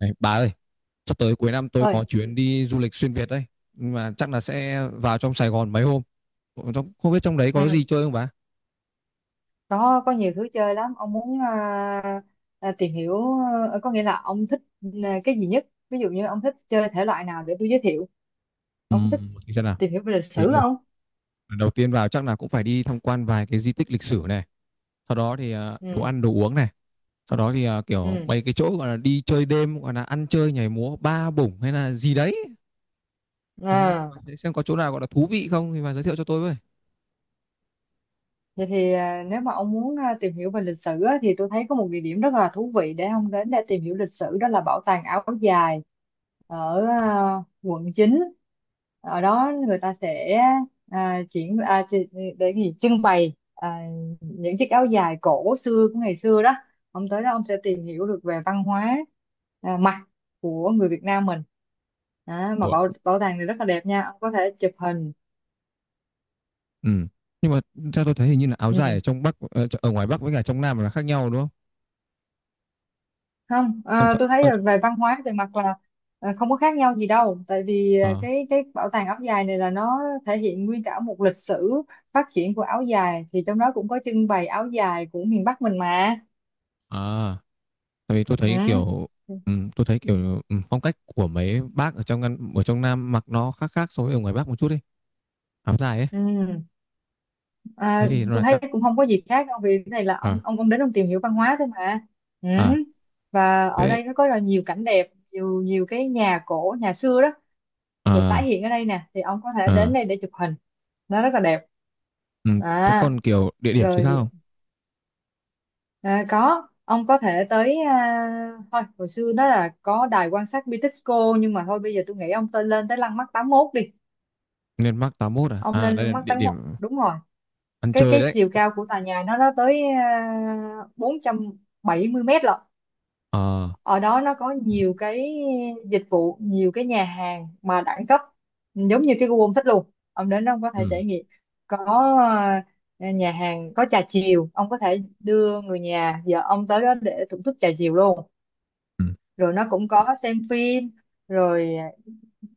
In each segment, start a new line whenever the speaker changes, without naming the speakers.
Này, bà ơi, sắp tới cuối năm tôi
Ơi.
có chuyến đi du lịch xuyên Việt đấy. Nhưng mà chắc là sẽ vào trong Sài Gòn mấy hôm. Không không biết trong đấy có gì
Ừ.
chơi không bà?
Có nhiều thứ chơi lắm. Ông muốn tìm hiểu, có nghĩa là ông thích cái gì nhất? Ví dụ như ông thích chơi thể loại nào để tôi giới thiệu.
Ừ,
Ông có thích
thì xem nào.
tìm hiểu về lịch
Thì
sử
đầu,
không?
Đầu tiên vào chắc là cũng phải đi tham quan vài cái di tích lịch sử này. Sau đó thì đồ
ừ
ăn, đồ uống này. Sau đó thì kiểu
ừ
mấy cái chỗ gọi là đi chơi đêm, gọi là ăn chơi, nhảy múa, ba bủng hay là gì đấy. Ừ,
à.
bà sẽ xem có chỗ nào gọi là thú vị không thì bà giới thiệu cho tôi với.
Vậy thì nếu mà ông muốn tìm hiểu về lịch sử á, thì tôi thấy có một địa điểm rất là thú vị để ông đến để tìm hiểu lịch sử, đó là bảo tàng áo dài ở quận chín. Ở đó người ta sẽ à, triển à, chi- để gì trưng bày những chiếc áo dài cổ xưa của ngày xưa đó. Ông tới đó ông sẽ tìm hiểu được về văn hóa mặc của người Việt Nam mình. Đó, mà
Ủa?
bảo bảo tàng này rất là đẹp nha, ông có thể chụp hình.
Ừ. Nhưng mà theo tôi thấy hình như là áo dài
Ừ,
ở trong Bắc, ở ngoài Bắc với cả trong Nam là khác nhau đúng không?
không,
Ở, trong-
tôi thấy
ở
là về văn hóa về mặt là không có khác nhau gì đâu, tại vì
Ờ,
cái bảo tàng áo dài này là nó thể hiện nguyên cả một lịch sử phát triển của áo dài, thì trong đó cũng có trưng bày áo dài của miền Bắc mình mà.
à, tại vì tôi thấy
Ừ.
tôi thấy kiểu phong cách của mấy bác ở trong Nam mặc nó khác khác so với ở ngoài Bắc một chút đi, áo dài ấy.
Ừ.
Thế
À,
thì nó
tôi
là
thấy
chắc.
cũng không có gì khác đâu, vì cái này là ông
À
ông ông đến ông tìm hiểu văn hóa thôi mà. Ừ.
à
Và ở
thế
đây nó có là nhiều cảnh đẹp, nhiều nhiều cái nhà cổ nhà xưa đó được tái
à
hiện ở đây nè, thì ông có thể đến
à
đây để chụp hình, nó rất là đẹp.
Ừ. Thế
À,
còn kiểu địa điểm chính khác
rồi.
không?
À, có, ông có thể tới, thôi hồi xưa đó là có đài quan sát Bitexco, nhưng mà thôi bây giờ tôi nghĩ ông tên lên tới Lăng Mắt tám mốt đi.
Nên Bắc 81,
Ông lên
đây là
Lăng Mắt
địa
tám mốt,
điểm
đúng rồi.
ăn
cái
chơi
cái
đấy.
chiều cao của tòa nhà nó tới bốn trăm bảy mươi mét lận.
ờ
Ở đó nó có nhiều cái dịch vụ, nhiều cái nhà hàng mà đẳng cấp giống như cái Google thích luôn. Ông đến đó ông có thể
ừ
trải nghiệm. Có nhà hàng có trà chiều, ông có thể đưa người nhà vợ ông tới đó để thưởng thức trà chiều luôn.
ừ.
Rồi nó cũng có xem phim, rồi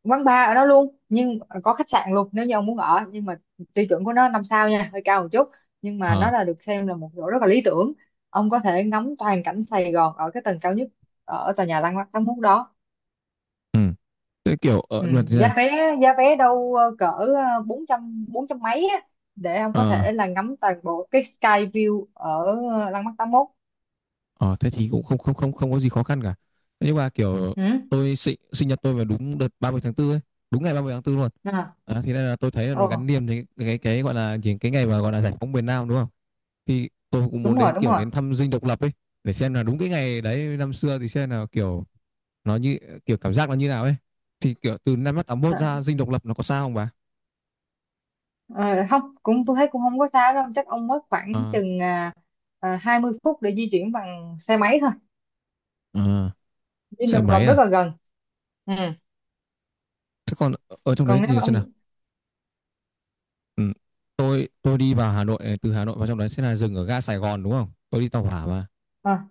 quán bar ở đó luôn, nhưng có khách sạn luôn nếu như ông muốn ở. Nhưng mà tiêu chuẩn của nó năm sao nha, hơi cao một chút, nhưng mà nó
ờ
là được xem là một chỗ rất là lý tưởng. Ông có thể ngắm toàn cảnh Sài Gòn ở cái tầng cao nhất ở tòa nhà Lăng Thắng Mút đó.
ừ. Thế kiểu ở
ừ,
luật ra.
Giá vé, đâu cỡ bốn trăm, bốn trăm mấy á, để ông có thể là ngắm toàn bộ cái sky view ở Lăng Mắt 81.
Ờ, thế thì cũng không không không không có gì khó khăn cả. Thế nhưng mà kiểu,
Ừ.
tôi sinh sinh nhật tôi vào đúng đợt 30/4 ấy, đúng ngày 30/4 luôn.
À,
À, thế nên là tôi thấy là nó gắn
ồ,
liền với cái gọi là gì, cái ngày mà gọi là giải phóng miền Nam đúng không? Thì tôi cũng
đúng
muốn
rồi,
đến
đúng
kiểu
rồi.
đến thăm dinh độc lập ấy, để xem là đúng cái ngày đấy năm xưa thì xem là kiểu nó như kiểu cảm giác nó như nào ấy. Thì kiểu từ năm 81
À,
ra dinh độc lập nó có sao không bà?
Ờ, Không, cũng tôi thấy cũng không có xa đâu, chắc ông mất khoảng
À,
chừng 20 phút để di chuyển bằng xe máy thôi.
à,
Dinh
xe
Độc Lập
máy
rất
à?
là gần. Ừ.
Thế còn ở trong đấy
Còn nếu
nhìn
mà
xem nào.
ông
Ừ. Tôi đi vào Hà Nội này, từ Hà Nội vào trong đấy sẽ là dừng ở ga Sài Gòn đúng không? Tôi đi tàu hỏa mà.
à,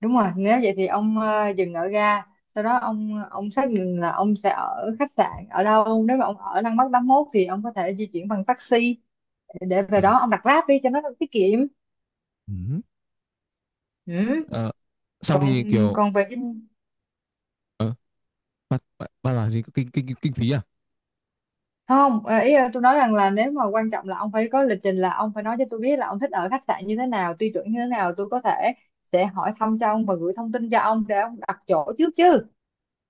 đúng rồi, nếu vậy thì ông dừng ở ga, sau đó ông xác định là ông sẽ ở khách sạn ở đâu. Nếu mà ông ở Lăng Bắc tám mốt thì ông có thể di chuyển bằng taxi để về
Ừ.
đó, ông đặt Grab đi cho nó tiết kiệm.
Ừ.
Ừ.
Ờ, xong
còn
thì kiểu
Còn về Dinh,
bắt bắt bắt là gì, kinh kinh kinh phí à?
không, tôi nói rằng là, nếu mà quan trọng là ông phải có lịch trình, là ông phải nói cho tôi biết là ông thích ở khách sạn như thế nào, tiêu chuẩn như thế nào, tôi có thể sẽ hỏi thăm cho ông và gửi thông tin cho ông để ông đặt chỗ trước chứ.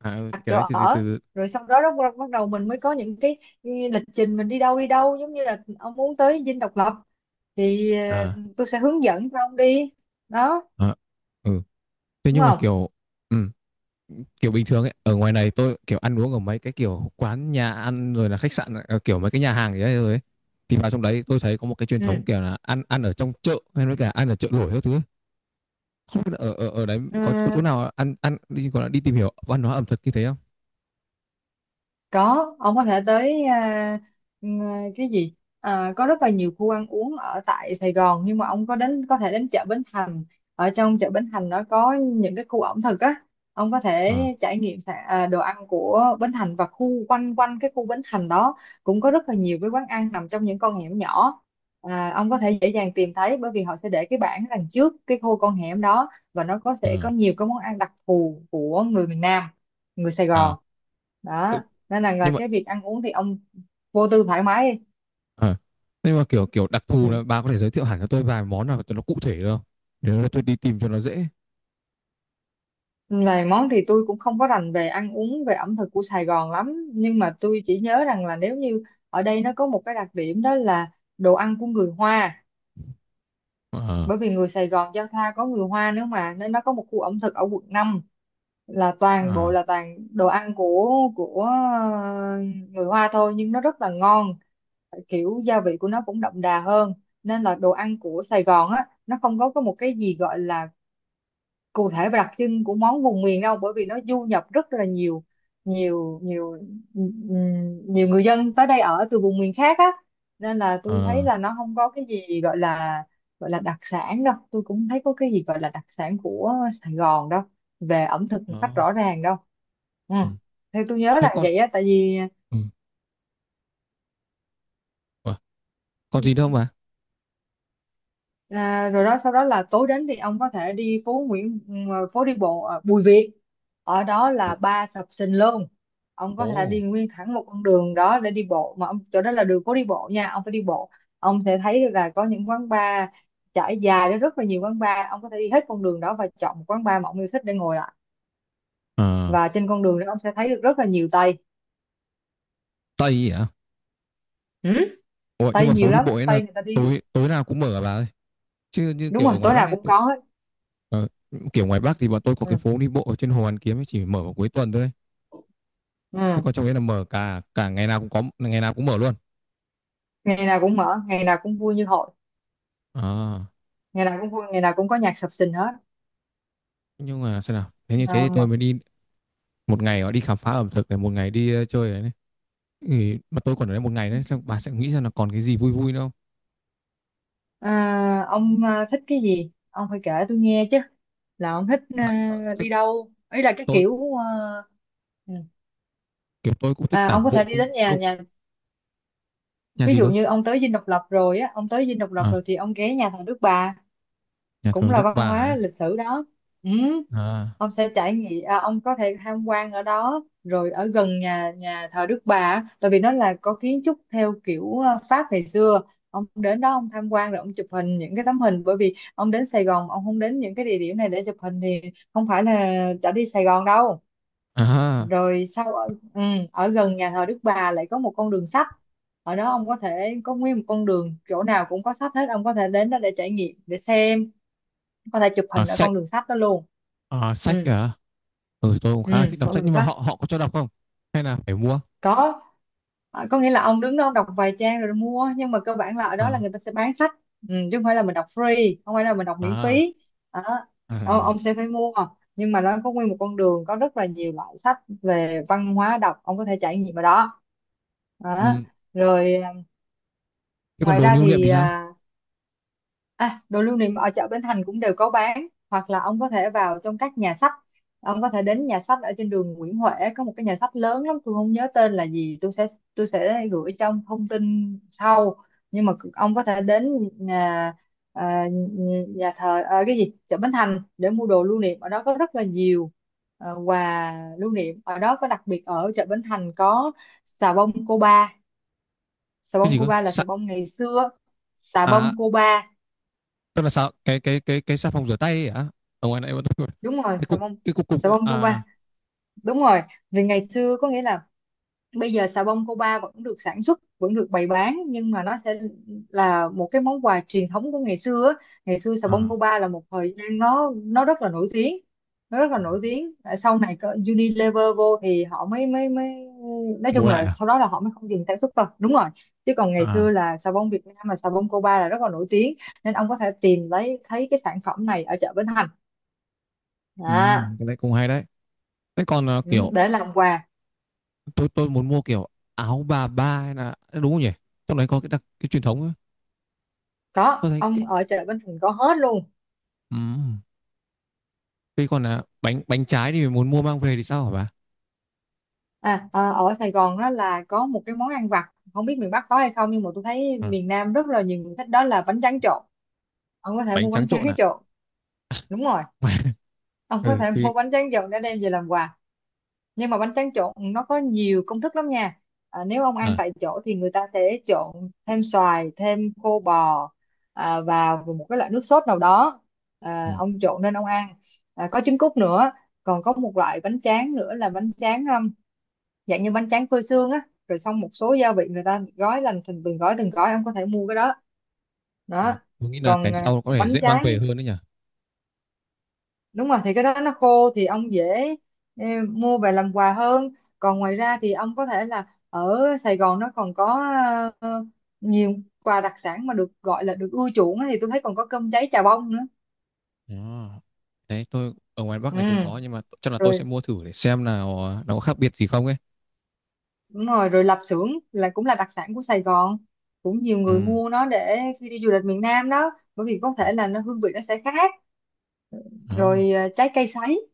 À, ừ,
Đặt
cái
chỗ
đấy từ từ
ở
từ từ.
rồi sau đó, đó bắt đầu mình mới có những cái lịch trình mình đi đâu, đi đâu, giống như là ông muốn tới Dinh Độc Lập thì
à
tôi sẽ hướng dẫn cho ông đi, đó,
à ừ. Thế
đúng
nhưng mà
không?
kiểu, ừ, kiểu bình thường ấy, ở ngoài này tôi kiểu ăn uống ở mấy cái kiểu quán nhà ăn, rồi là khách sạn, ờ, kiểu mấy cái nhà hàng gì đấy rồi ấy. Thì vào trong đấy tôi thấy có một cái truyền thống
Ừ.
kiểu là ăn ăn ở trong chợ hay nói cả ăn ở chợ nổi các thứ. Không biết là ở ở ở đấy
Ừ.
có chỗ nào ăn ăn đi gọi là đi tìm hiểu văn hóa ẩm thực như thế không?
Có, ông có thể tới, à, à, cái gì? À, có rất là nhiều khu ăn uống ở tại Sài Gòn, nhưng mà ông có đến thể đến chợ Bến Thành. Ở trong chợ Bến Thành nó có những cái khu ẩm thực á. Ông có thể
Ờ.
trải nghiệm đồ ăn của Bến Thành, và khu quanh quanh cái khu Bến Thành đó cũng có rất là nhiều cái quán ăn nằm trong những con hẻm nhỏ. À, ông có thể dễ dàng tìm thấy bởi vì họ sẽ để cái bảng đằng trước cái khu con hẻm đó, và nó
Ờ.
sẽ có nhiều cái món ăn đặc thù của người miền Nam, người Sài
À.
Gòn
Ừ.
đó, nên là
Nhưng mà
cái việc ăn uống thì ông vô tư thoải mái đi.
ờ, nhưng mà kiểu kiểu đặc thù
Ừ.
là bà có thể giới thiệu hẳn cho tôi vài món nào cho nó cụ thể được không? Để nó, tôi đi tìm cho nó dễ.
Này, món thì tôi cũng không có rành về ăn uống, về ẩm thực của Sài Gòn lắm, nhưng mà tôi chỉ nhớ rằng là, nếu như ở đây nó có một cái đặc điểm, đó là đồ ăn của người Hoa,
Ờ
bởi vì người Sài Gòn giao thoa có người Hoa nữa mà, nên nó có một khu ẩm thực ở quận 5 là toàn bộ
à
là toàn đồ ăn của người Hoa thôi, nhưng nó rất là ngon, kiểu gia vị của nó cũng đậm đà hơn. Nên là đồ ăn của Sài Gòn á, nó không có một cái gì gọi là cụ thể và đặc trưng của món vùng miền đâu, bởi vì nó du nhập rất là nhiều, nhiều nhiều ừm, nhiều người dân tới đây ở từ vùng miền khác á, nên là tôi thấy
ờ
là nó không có cái gì gọi là đặc sản đâu. Tôi cũng thấy có cái gì gọi là đặc sản của Sài Gòn đâu, về ẩm thực một cách
đó
rõ ràng đâu. Ừ,
ừ
theo tôi nhớ
Thế
là
con,
vậy á, tại vì
ừ, ờ, còn gì đâu mà.
à, rồi đó. Sau đó là tối đến thì ông có thể đi phố Nguyễn, ừ, phố đi bộ ở Bùi Viện, ở đó
Ồ.
là ba sập sình luôn. Ông có thể đi
Ồ.
nguyên thẳng một con đường đó để đi bộ, mà ông chỗ đó là đường phố đi bộ nha, ông phải đi bộ. Ông sẽ thấy được là có những quán bar trải dài đó, rất là nhiều quán bar. Ông có thể đi hết con đường đó và chọn một quán bar mà ông yêu thích để ngồi lại,
Ờ.
và trên con đường đó ông sẽ thấy được rất là nhiều Tây.
Tây à?
Ừ?
Ủa, nhưng
Tây
mà
nhiều
phố đi
lắm,
bộ ấy là
Tây người ta đi.
tối tối nào cũng mở à bà ơi? Chứ như
Đúng
kiểu
rồi,
ở ngoài
tối nào
Bắc ấy,
cũng
tôi,
có hết.
ờ, kiểu ngoài Bắc thì bọn tôi có cái
Ừ.
phố đi bộ ở trên Hồ Hoàn Kiếm ấy chỉ mở vào cuối tuần thôi. Thế
Ừ.
còn trong đấy là mở cả cả ngày nào cũng có, ngày nào cũng mở luôn
Ngày nào cũng mở, ngày nào cũng vui như hội,
à?
ngày nào cũng vui, ngày nào cũng có nhạc sập sình hết.
Nhưng mà xem nào, nếu như thế thì tôi
Mà
mới đi một ngày đó đi khám phá ẩm thực này, một ngày đi ờ, chơi này, này. Ừ, mà tôi còn ở đây một ngày đấy xong bà sẽ nghĩ rằng là còn cái gì vui vui nữa không.
À, ông thích cái gì ông phải kể tôi nghe chứ, là ông thích
À, thế
đi đâu, ý là cái
tôi
kiểu ừ.
kiểu tôi cũng thích
À, ông
tản
có
bộ
thể đi đến
cũng
nhà
cũng
nhà,
nhà
ví
gì
dụ
cơ?
như ông tới Dinh Độc Lập rồi á, ông tới Dinh Độc Lập
À,
rồi thì ông ghé nhà thờ Đức Bà,
nhà
cũng
thờ
là
Đức
văn hóa
Bà.
lịch sử đó. Ừ.
À,
Ông sẽ trải nghiệm, ông có thể tham quan ở đó. Rồi ở gần nhà nhà thờ Đức Bà á, tại vì nó là có kiến trúc theo kiểu Pháp ngày xưa, ông đến đó ông tham quan rồi ông chụp hình những cái tấm hình, bởi vì ông đến Sài Gòn ông không đến những cái địa điểm này để chụp hình thì không phải là đã đi Sài Gòn đâu.
à, à
Rồi sau ở gần nhà thờ Đức Bà lại có một con đường sách, ở đó ông có thể có nguyên một con đường chỗ nào cũng có sách hết, ông có thể đến đó để trải nghiệm, để xem, có thể chụp
à
hình ở
sách
con đường sách đó luôn.
à sách,
Ừ.
à. Ừ tôi cũng
Ừ,
khá là thích đọc
con
sách
đường
nhưng mà
sách
họ họ có cho đọc không, hay là phải mua?
có. À, có nghĩa là ông đứng đó ông đọc vài trang rồi mua, nhưng mà cơ bản là ở đó là
À,
người ta sẽ bán sách, ừ, chứ không phải là mình đọc free, không phải là mình đọc miễn
à,
phí, đó.
à, rồi.
Ông sẽ phải mua, nhưng mà nó có nguyên một con đường có rất là nhiều loại sách về văn hóa đọc, ông có thể trải nghiệm ở đó,
Ừ.
đó. Rồi.
Thế còn
Ngoài
đồ
ra
lưu niệm
thì
thì sao?
đồ lưu niệm ở chợ Bến Thành cũng đều có bán, hoặc là ông có thể vào trong các nhà sách. Ông có thể đến nhà sách ở trên đường Nguyễn Huệ, có một cái nhà sách lớn lắm, tôi không nhớ tên là gì. Tôi sẽ gửi trong thông tin sau. Nhưng mà ông có thể đến nhà à, nhà thờ, cái gì, chợ Bến Thành để mua đồ lưu niệm, ở đó có rất là nhiều quà lưu niệm. Ở đó có đặc biệt ở chợ Bến Thành có xà bông Cô Ba. Xà
Cái
bông
gì
Cô
cơ,
Ba là
sa?
xà bông ngày xưa. Xà
À,
bông Cô Ba,
tức là sao, cái xà phòng rửa tay ấy hả? Ở ngoài này vẫn,
đúng rồi, xà bông,
cái cục cục
xà
đấy ạ.
bông
À.
Cuba, đúng rồi. Vì ngày xưa có nghĩa là bây giờ xà bông Cuba vẫn được sản xuất, vẫn được bày bán, nhưng mà nó sẽ là một cái món quà truyền thống của ngày xưa á. Ngày xưa xà bông
À.
Cuba là một thời gian nó rất là nổi tiếng, nó rất là
Ừ.
nổi tiếng. Tại sau này có Unilever vô thì họ mới mới mới nói
Mua
chung
lại
là
à?
sau đó là họ mới không dừng sản xuất thôi, đúng rồi. Chứ còn ngày xưa
À.
là xà bông Việt Nam, mà xà bông Cuba là rất là nổi tiếng, nên ông có thể tìm lấy thấy cái sản phẩm này ở chợ Bến Thành.
Ừ,
Đó.
cái này cũng hay đấy. Thế còn ờ,
Ừ,
kiểu
để làm quà.
tôi muốn mua kiểu áo bà ba hay là à, đúng không nhỉ, trong đấy có cái đặc cái truyền thống ấy. Tôi
Có,
thấy cái.
ông ở chợ Bến Thành có hết luôn.
Ừ. Thế còn là bánh bánh trái thì muốn mua mang về thì sao hả bà?
Ở Sài Gòn á là có một cái món ăn vặt, không biết miền Bắc có hay không, nhưng mà tôi thấy
Ừ.
miền Nam rất là nhiều người thích, đó là bánh tráng trộn. Ông có thể
Bánh
mua bánh
trắng
tráng
trộn à?
trộn, đúng rồi. Ông có
Ừ
thể mua
thì
bánh tráng trộn để đem về làm quà. Nhưng mà bánh tráng trộn nó có nhiều công thức lắm nha. Nếu ông
à.
ăn tại chỗ thì người ta sẽ trộn thêm xoài, thêm khô bò, vào một cái loại nước sốt nào đó,
Ừ.
ông trộn nên ông ăn, có trứng cút nữa. Còn có một loại bánh tráng nữa là bánh tráng dạng như bánh tráng phơi sương á, rồi xong một số gia vị người ta gói lành thành từng gói, ông có thể mua cái đó.
À,
Đó.
tôi nghĩ là cái
Còn
sau có thể
bánh
dễ mang
tráng,
về hơn đấy nhỉ.
đúng rồi, thì cái đó nó khô thì ông dễ, ừ, mua về làm quà hơn. Còn ngoài ra thì ông có thể là ở Sài Gòn nó còn có ờ, nhiều quà đặc sản mà được gọi là được ưa chuộng á, thì tôi thấy còn có cơm cháy chà bông nữa.
Đó. Đấy tôi ở ngoài Bắc
Ừ,
này cũng có nhưng mà chắc là tôi sẽ
rồi,
mua thử để xem nào ờ, nó có khác biệt gì không ấy.
đúng rồi, rồi lạp xưởng là cũng là đặc sản của Sài Gòn, cũng nhiều người
Ừ.
mua nó để khi đi du lịch miền Nam đó, bởi vì có thể là nó hương vị nó sẽ khác.
Đó.
Rồi trái cây sấy.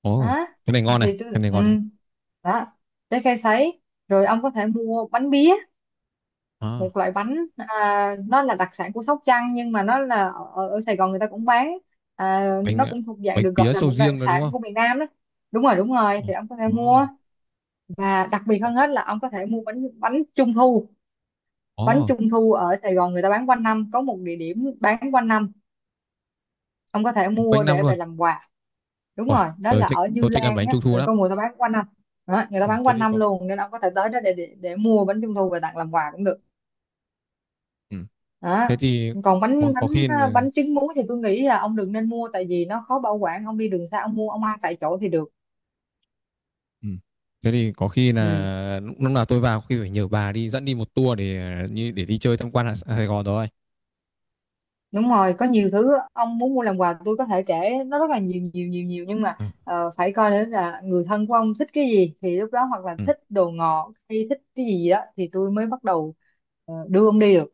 Ồ,
Đó,
cái này ngon này,
thì tôi,
cái này
ừ.
ngon này.
Đó, trái cây sấy. Rồi ông có thể mua bánh bía,
À.
một loại bánh, nó là đặc sản của Sóc Trăng, nhưng mà nó là ở, ở ở Sài Gòn người ta cũng bán.
Bánh
Nó
ờ,
cũng thuộc dạng
bánh
được gọi
pía
là
sầu
một đặc
riêng rồi đúng
sản
không?
của miền Nam đó. Đúng rồi, đúng rồi, thì ông có thể
Ồ.
mua. Và đặc biệt
Ồ.
hơn hết là ông có thể mua bánh bánh trung thu. Bánh
Ồ,
trung thu ở Sài Gòn người ta bán quanh năm, có một địa điểm bán quanh năm, ông có thể
quanh
mua
năm
để
luôn.
về làm quà. Đúng
Ôi,
rồi, đó
tôi
là
thích
ở Như
tôi thích ăn
Lan
bánh
á,
trung thu
rồi
lắm.
con mùa tao bán quanh năm. Đó, người ta
Ừ,
bán
thế
quanh
thì
năm
có.
luôn, nên ông có thể tới đó để để mua bánh trung thu về tặng làm quà cũng được.
Ừ.
Đó.
Thế thì
Còn bánh
có
bánh
khi là.
bánh trứng muối thì tôi nghĩ là ông đừng nên mua, tại vì nó khó bảo quản, ông đi đường xa ông mua ông ăn tại chỗ thì được.
Ừ. Thế thì có khi
Ừ,
là lúc lúc nào tôi vào khi phải nhờ bà đi dẫn đi một tour để ờ, như để đi chơi tham quan ở Sài Gòn rồi.
đúng rồi, có nhiều thứ ông muốn mua làm quà tôi có thể kể nó rất là nhiều nhiều nhiều nhiều, nhưng mà
Ừ.
phải coi nữa là người thân của ông thích cái gì, thì lúc đó hoặc là
Ừ.
thích đồ ngọt hay thích cái gì gì đó thì tôi mới bắt đầu đưa ông đi được,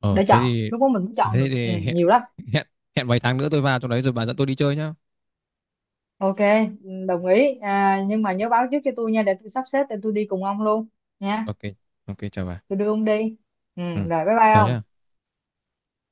Ờ
để
thế
chọn,
thì,
lúc đó mình mới chọn
thế
được, ừ,
thì hẹn,
nhiều lắm.
hẹn hẹn vài tháng nữa tôi vào trong đấy rồi bà dẫn tôi đi chơi nhá.
Ok, ừ, đồng ý, nhưng mà nhớ báo trước cho tôi nha, để tôi sắp xếp để tôi đi cùng ông luôn nha.
Ok, ok chào bà.
Tôi đưa ông đi. Ừ,
Ừ.
rồi bye bye
Chào
ông.
nhá.